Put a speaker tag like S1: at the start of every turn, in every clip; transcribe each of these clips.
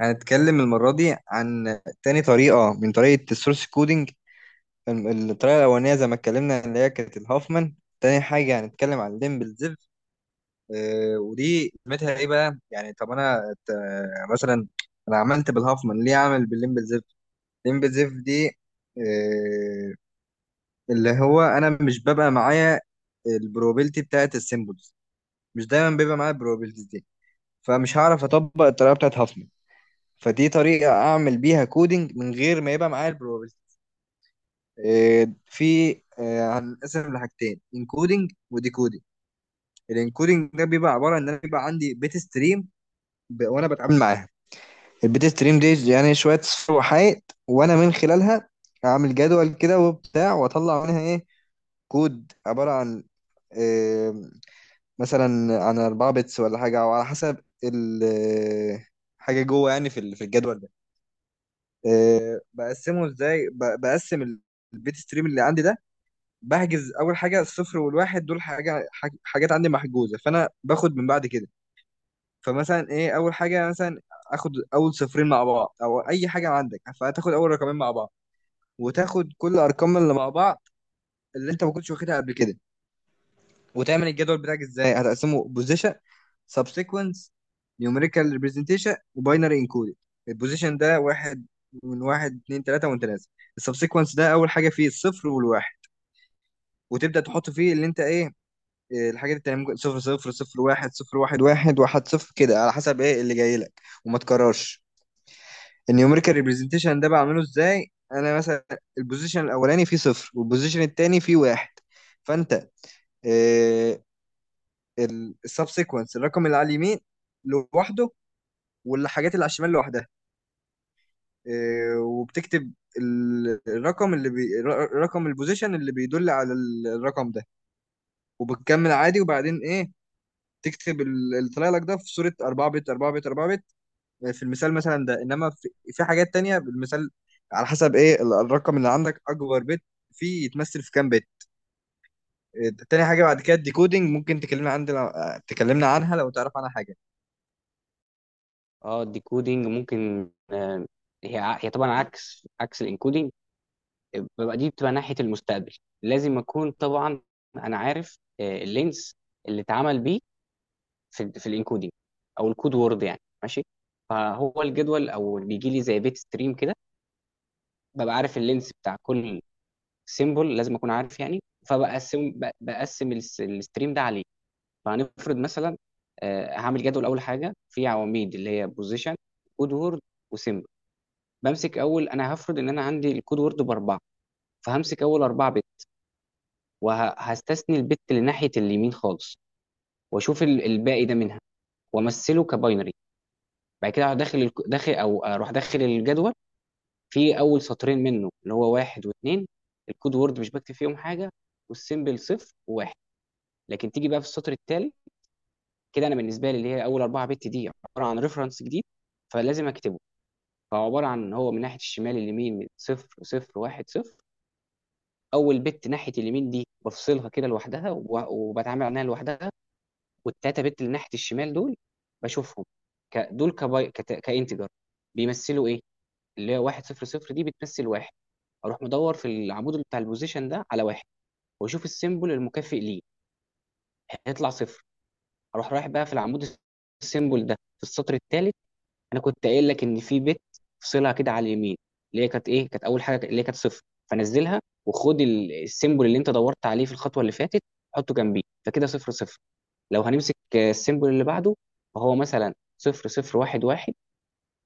S1: هنتكلم المرة دي عن تاني طريقة من طريقة السورس كودينج. الطريقة الأولانية زي ما اتكلمنا اللي هي كانت الهوفمان. تاني حاجة هنتكلم عن ليمبل زيف. ودي قيمتها ايه بقى؟ يعني طب أنا آه، مثلا أنا عملت بالهوفمان ليه أعمل بالليمبل زيف؟ ليمبل زيف دي آه، اللي هو أنا مش ببقى معايا البروبابيلتي بتاعت السيمبلز، مش دايما بيبقى معايا البروبابيلتي دي، فمش هعرف أطبق الطريقة بتاعت هوفمان، فدي طريقة أعمل بيها كودينج من غير ما يبقى معايا البروبابيلتي. في آه، هنقسم لحاجتين: انكودينج وديكودينج. الانكودينج ده بيبقى عبارة إن أنا بيبقى عندي بيت ستريم، وأنا بتعامل معاها. البيت ستريم دي يعني شوية صفر وحائط، وأنا من خلالها أعمل جدول كده وبتاع، وأطلع منها إيه كود عبارة عن آه، مثلا عن 4 بتس ولا حاجة، أو على حسب ال- آه، حاجة جوه، يعني في الجدول. بقسمه ازاي؟ بقسم البيت ستريم اللي عندي ده، بحجز اول حاجه الصفر والواحد دول، حاجات عندي محجوزه، فانا باخد من بعد كده. فمثلا ايه اول حاجه، مثلا اخد اول صفرين مع بعض، او اي حاجه عندك فهتاخد اول رقمين مع بعض، وتاخد كل الارقام اللي مع بعض اللي انت ما كنتش واخدها قبل كده. وتعمل الجدول بتاعك ازاي؟ هتقسمه بوزيشن، سبسيكونس، نيوميريكال ريبريزنتيشن، وباينري انكودد. البوزيشن ده واحد، من واحد اتنين تلاته وانت نازل. السبسيكونس ده اول حاجه فيه الصفر والواحد، وتبدا تحط فيه اللي انت ايه إيه الحاجات التانية، ممكن صفر صفر، صفر واحد، صفر واحد واحد، واحد صفر، كده على حسب ايه اللي جاي لك، وما تكررش. النيوميريكال ريبريزنتيشن ده بعمله ازاي؟ انا مثلا البوزيشن الاولاني فيه صفر، والبوزيشن التاني فيه واحد، فانت آه، السب سيكونس الرقم اللي على اليمين لوحده، والحاجات اللي على الشمال لوحدها. إيه، وبتكتب الرقم اللي رقم البوزيشن اللي بيدل على الرقم ده. وبتكمل عادي، وبعدين ايه؟ تكتب اللي طالع لك ده في صورة 4 بت 4 بت 4 بت. في المثال مثلا ده، انما في حاجات تانية بالمثال، على حسب ايه الرقم اللي عندك اكبر بت فيه يتمثل في كام بت. إيه، تاني حاجة بعد كده الديكودينج، ممكن تكلمنا عندنا، تكلمنا عنها لو تعرف عنها حاجة.
S2: اه، الديكودينج ممكن، هي طبعا عكس الانكودينج. ببقى دي بتبقى ناحيه المستقبل، لازم اكون طبعا انا عارف اللينس اللي اتعمل بيه في الانكودينج او الكود وورد، يعني ماشي. فهو الجدول او بيجي لي زي بيت ستريم كده، ببقى عارف اللينس بتاع كل سيمبل، لازم اكون عارف يعني. فبقسم ب- بقسم الستريم ده عليه. فهنفرض مثلا هعمل جدول، اول حاجه في عواميد اللي هي بوزيشن، كود وورد، وسيمبل. بمسك اول، انا هفرض ان انا عندي الكود وورد باربعه، فهمسك اول اربعه بت وهستثني البت لناحيه اليمين خالص، واشوف الباقي ده منها وامثله كباينري. بعد كده اروح داخل الك- داخل او اروح داخل الجدول. في اول سطرين منه اللي هو واحد واثنين، الكود وورد مش بكتب فيهم حاجه، والسيمبل صفر وواحد. لكن تيجي بقى في السطر التالي كده، انا بالنسبه لي اللي هي اول اربعه بت دي عباره عن ريفرنس جديد فلازم اكتبه. فهو عباره عن هو من ناحيه الشمال اليمين صفر صفر واحد صفر. اول بت ناحيه اليمين دي بفصلها كده لوحدها وبتعامل عنها لوحدها. والتلاته بت اللي ناحيه الشمال دول بشوفهم دول كانتجر، بيمثلوا ايه؟ اللي هي واحد صفر صفر دي بتمثل واحد. اروح مدور في العمود اللي بتاع البوزيشن ده على واحد واشوف السيمبل المكافئ ليه، هيطلع صفر. اروح رايح بقى في العمود السيمبل ده في السطر الثالث. انا كنت قايل لك ان في بيت فصلها كده على اليمين، اللي هي كانت ايه، كانت اول حاجه اللي هي كانت صفر، فنزلها. وخد السيمبل اللي انت دورت عليه في الخطوه اللي فاتت حطه جنبيه، فكده صفر صفر. لو هنمسك السيمبل اللي بعده، فهو مثلا صفر صفر واحد واحد.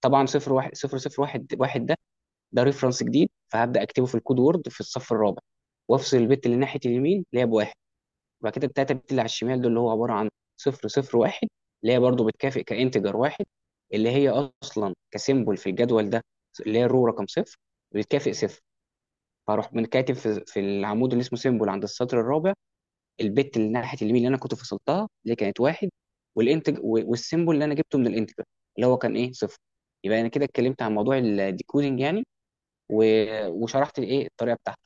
S2: طبعا صفر واحد صفر صفر واحد واحد ده ريفرنس جديد فهبدا اكتبه في الكود وورد في الصف الرابع، وافصل البت اللي ناحيه اليمين اللي هي بواحد. وبعد كده التلاته البت اللي على الشمال دول اللي هو عباره عن صفر صفر واحد، اللي هي برضو بتكافئ كانتجر واحد، اللي هي اصلا كسيمبل في الجدول ده اللي هي الرو رقم صفر بتكافئ صفر. فاروح من كاتب في العمود اللي اسمه سيمبل عند السطر الرابع، البت اللي ناحيه اليمين اللي انا كنت فصلتها اللي كانت واحد، والانتج والسيمبل اللي انا جبته من الانتجر اللي هو كان ايه، صفر. يبقى انا كده اتكلمت عن موضوع الديكودنج يعني وشرحت الايه الطريقه بتاعته.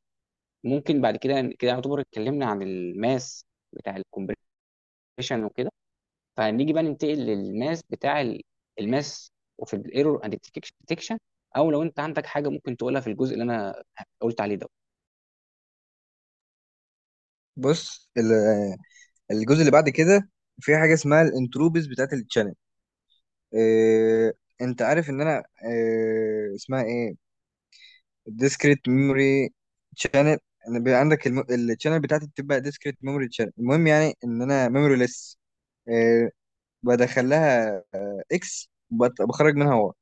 S2: ممكن بعد كده كده يعتبر اتكلمنا عن الماس بتاع الكومبريشن وكده، فنيجي بقى ننتقل للماس بتاع الماس وفي الايرور اند ديتكشن. او لو انت عندك حاجه ممكن تقولها في الجزء اللي انا قلت عليه ده.
S1: بص، الجزء اللي بعد كده في حاجه اسمها الانتروبيز بتاعت التشانل. إيه، انت عارف ان انا إيه اسمها ايه الديسكريت ميموري تشانل؟ ان بيبقى عندك التشانل بتاعتي بتبقى ديسكريت ميموري تشانل، المهم يعني ان انا ميموري ليس. إيه، بدخل لها اكس، بخرج منها واي.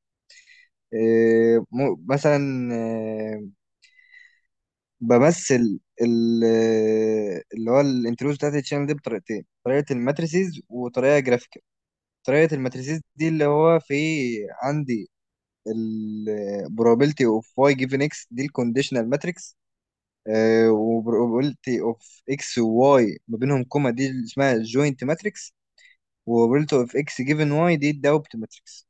S1: إيه، مثلا إيه، بمثل اللي هو الانتروبيز بتاعت التشانل دي بطريقتين: طريقه الماتريسيز وطريقه جرافيك. طريقة الماتريسيس دي اللي هو في عندي ال probability of y given x، دي الكونديشنال ماتريكس. و probability of x و y ما بينهم كوما، دي اللي اسمها joint ماتريكس. و probability of x given y دي الدوبت ماتريكس.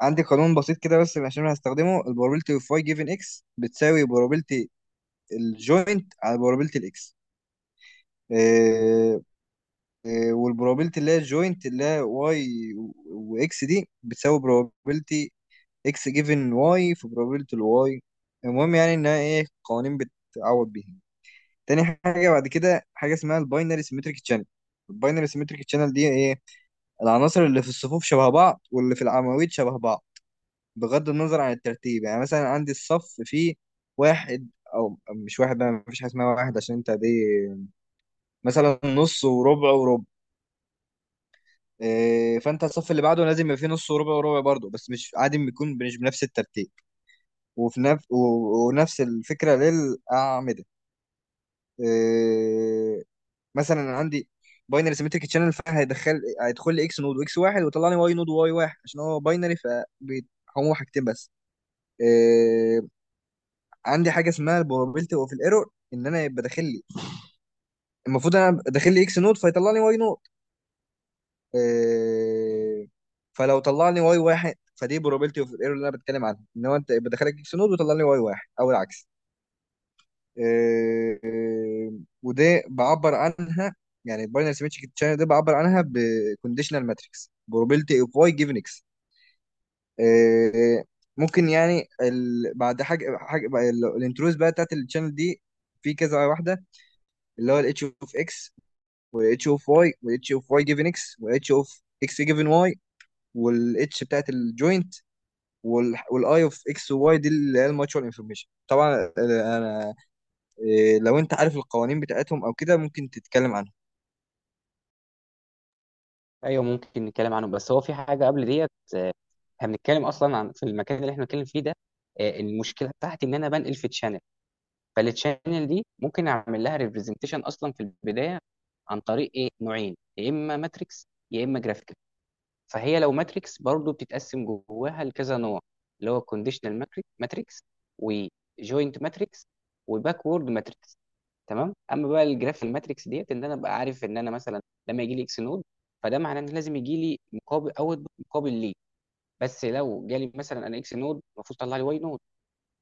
S1: عندي قانون بسيط كده، بس عشان أنا هستخدمه: ال probability of y given x بتساوي probability الجوينت على probability الاكس. والبروبابيلتي اللي هي الجوينت اللي هي واي واكس دي بتساوي بروبابيلتي اكس جيفن واي في بروبابيلتي الواي. المهم يعني انها ايه قوانين بتعوض بيها. تاني حاجه بعد كده حاجه اسمها الباينري سيمتريك تشانل. الباينري سيمتريك تشانل دي ايه؟ العناصر اللي في الصفوف شبه بعض، واللي في العواميد شبه بعض، بغض النظر عن الترتيب. يعني مثلا عندي الصف فيه واحد، او مش واحد بقى، مفيش حاجه اسمها واحد عشان انت دي مثلا نص وربع وربع. إيه، فانت الصف اللي بعده لازم يبقى فيه نص وربع وربع برضه، بس مش عادي، بيكون مش بنفس الترتيب، وفي نفس ونفس الفكره للاعمده. إيه، مثلا أنا عندي باينري سيمتريك تشانل، فهيدخل لي اكس نود واكس واحد، ويطلع لي واي نود وواي واحد، عشان هو باينري فهو حاجتين بس. إيه، عندي حاجه اسمها البروبابيلتي اوف الايرور، ان انا يبقى داخل لي، المفروض انا داخل لي اكس نود فيطلع لي واي نود. إيه، فلو طلع لي واي واحد فدي بروبابيلتي اوف الايرور اللي انا بتكلم عنها، ان هو انت بدخلك اكس نود وطلع لي واي واحد، او العكس. إيه، إيه، ودي بعبر عنها يعني، الباينري سيمتريك تشانل دي بعبر عنها بكونديشنال ماتريكس بروبابيلتي اوف واي جيفن اكس. ممكن يعني بعد حاجه حاجه بقى الانتروز بقى بتاعت التشانل دي في كذا واحده، اللي هو الاتش اوف اكس، والاتش اوف واي، والاتش اوف واي جيفن اكس، والاتش اوف اكس جيفن واي، والاتش بتاعت الجوينت، والاي اوف اكس وواي، دي اللي هي الماتشوال انفورميشن. طبعا انا إيه، لو انت عارف القوانين بتاعتهم او كده ممكن تتكلم عنها.
S2: ايوه ممكن نتكلم عنه، بس هو في حاجه قبل ديت. احنا بنتكلم اصلا عن في المكان اللي احنا بنتكلم فيه ده، المشكله بتاعتي ان انا بنقل في تشانل، فالتشانل دي ممكن اعمل لها ريبريزنتيشن اصلا في البدايه عن طريق ايه، نوعين، يا اما ماتريكس يا اما جرافيك. فهي لو ماتريكس برضو بتتقسم جواها لكذا نوع، اللي هو كونديشنال ماتريكس، وجوينت ماتريكس، وباكورد ماتريكس. تمام. اما بقى الجراف الماتريكس ديت، ان انا ابقى عارف ان انا مثلا لما يجي لي اكس نود فده معناه ان لازم يجي لي مقابل اوت مقابل ليه. بس لو جالي مثلا انا اكس نود المفروض طلع لي واي نود،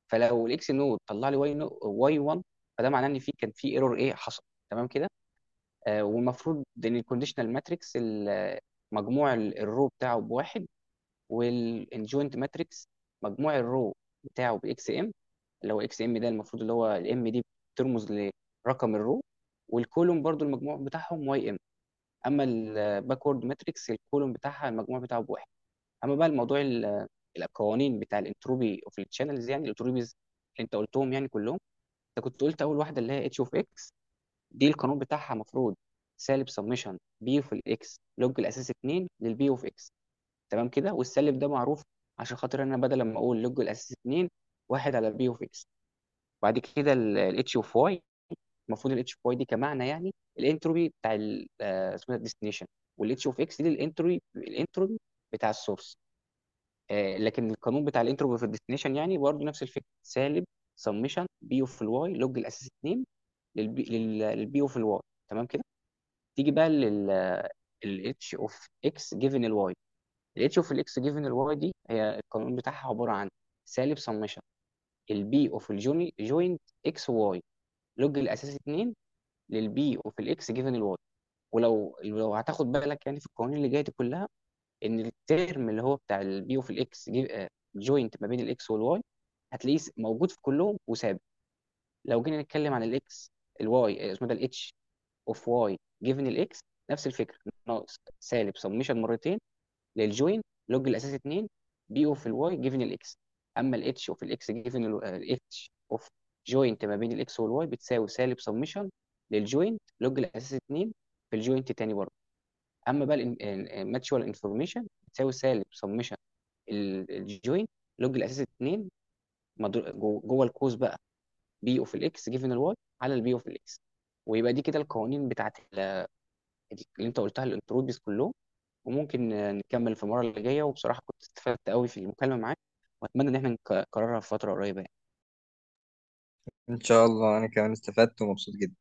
S2: فلو الاكس نود طلع لي واي نود واي 1 فده معناه ان في كان في ايرور ايه حصل. تمام كده. والمفروض ان الكونديشنال ماتريكس مجموع الرو بتاعه بواحد، والجوينت ماتريكس مجموع الرو بتاعه باكس ام، اللي هو اكس ام ده المفروض اللي هو الام دي بترمز لرقم الرو، والكولوم برضو المجموع بتاعهم واي ام. اما الباكورد ماتريكس الكولوم بتاعها المجموع بتاعه بواحد. اما بقى الموضوع القوانين بتاع الانتروبي اوف التشانلز، يعني الانتروبيز اللي انت قلتهم يعني كلهم. انت كنت قلت اول واحده اللي هي اتش اوف اكس، دي القانون بتاعها المفروض سالب سمشن بي اوف الاكس لوج الاساس 2 للبي اوف اكس. تمام كده. والسالب ده معروف عشان خاطر انا بدل ما اقول لوج الاساس 2 واحد على بي اوف اس. وبعد كده الاتش اوف واي، المفروض الاتش اوف واي دي كمعنى يعني الانتروبي بتاع اسمه الديستنيشن، والاتش اوف اكس دي الانتروبي بتاع السورس. لكن القانون بتاع الانتروبي في الديستنيشن يعني برضه نفس الفكره، سالب سمشن بي اوف الواي لوج الاساس 2 للبي اوف الواي. تمام كده. تيجي بقى الاتش اوف اكس جيفن الواي. الاتش اوف الاكس جيفن الواي دي هي القانون بتاعها عباره عن سالب سمشن البي اوف الجوني جوينت اكس واي لوج الاساسي 2 للبي اوف الاكس جيفن الواي. ولو لو هتاخد بالك يعني في القوانين اللي جايه دي كلها ان الترم اللي هو بتاع البي اوف الاكس جوينت ما بين الاكس والواي هتلاقيه موجود في كلهم وثابت. لو جينا نتكلم عن الاكس الواي اسمه ده الاتش اوف واي جيفن الاكس، نفس الفكره، ناقص سالب سمشن مرتين للجوين لوج الاساس 2 بي اوف الواي جيفن الاكس. اما الاتش اوف الاكس جيفن الاتش اوف جوينت ما بين الاكس والواي بتساوي سالب سمشن للجوينت لوج الاساس 2 في الجوينت تاني برضه. اما بقى الماتشوال انفورميشن بتساوي سالب سمشن الجوينت لوج الاساس 2، جوه القوس بقى بي اوف الاكس جيفن الواي على البي اوف الاكس. ويبقى دي كده القوانين بتاعت اللي انت قلتها الانتروبيز كلهم. وممكن نكمل في المرة اللي جاية، وبصراحة كنت استفدت قوي في المكالمة معاك، وأتمنى إن احنا نكررها في فترة قريبة يعني.
S1: ان شاء الله، انا كمان استفدت ومبسوط جدا.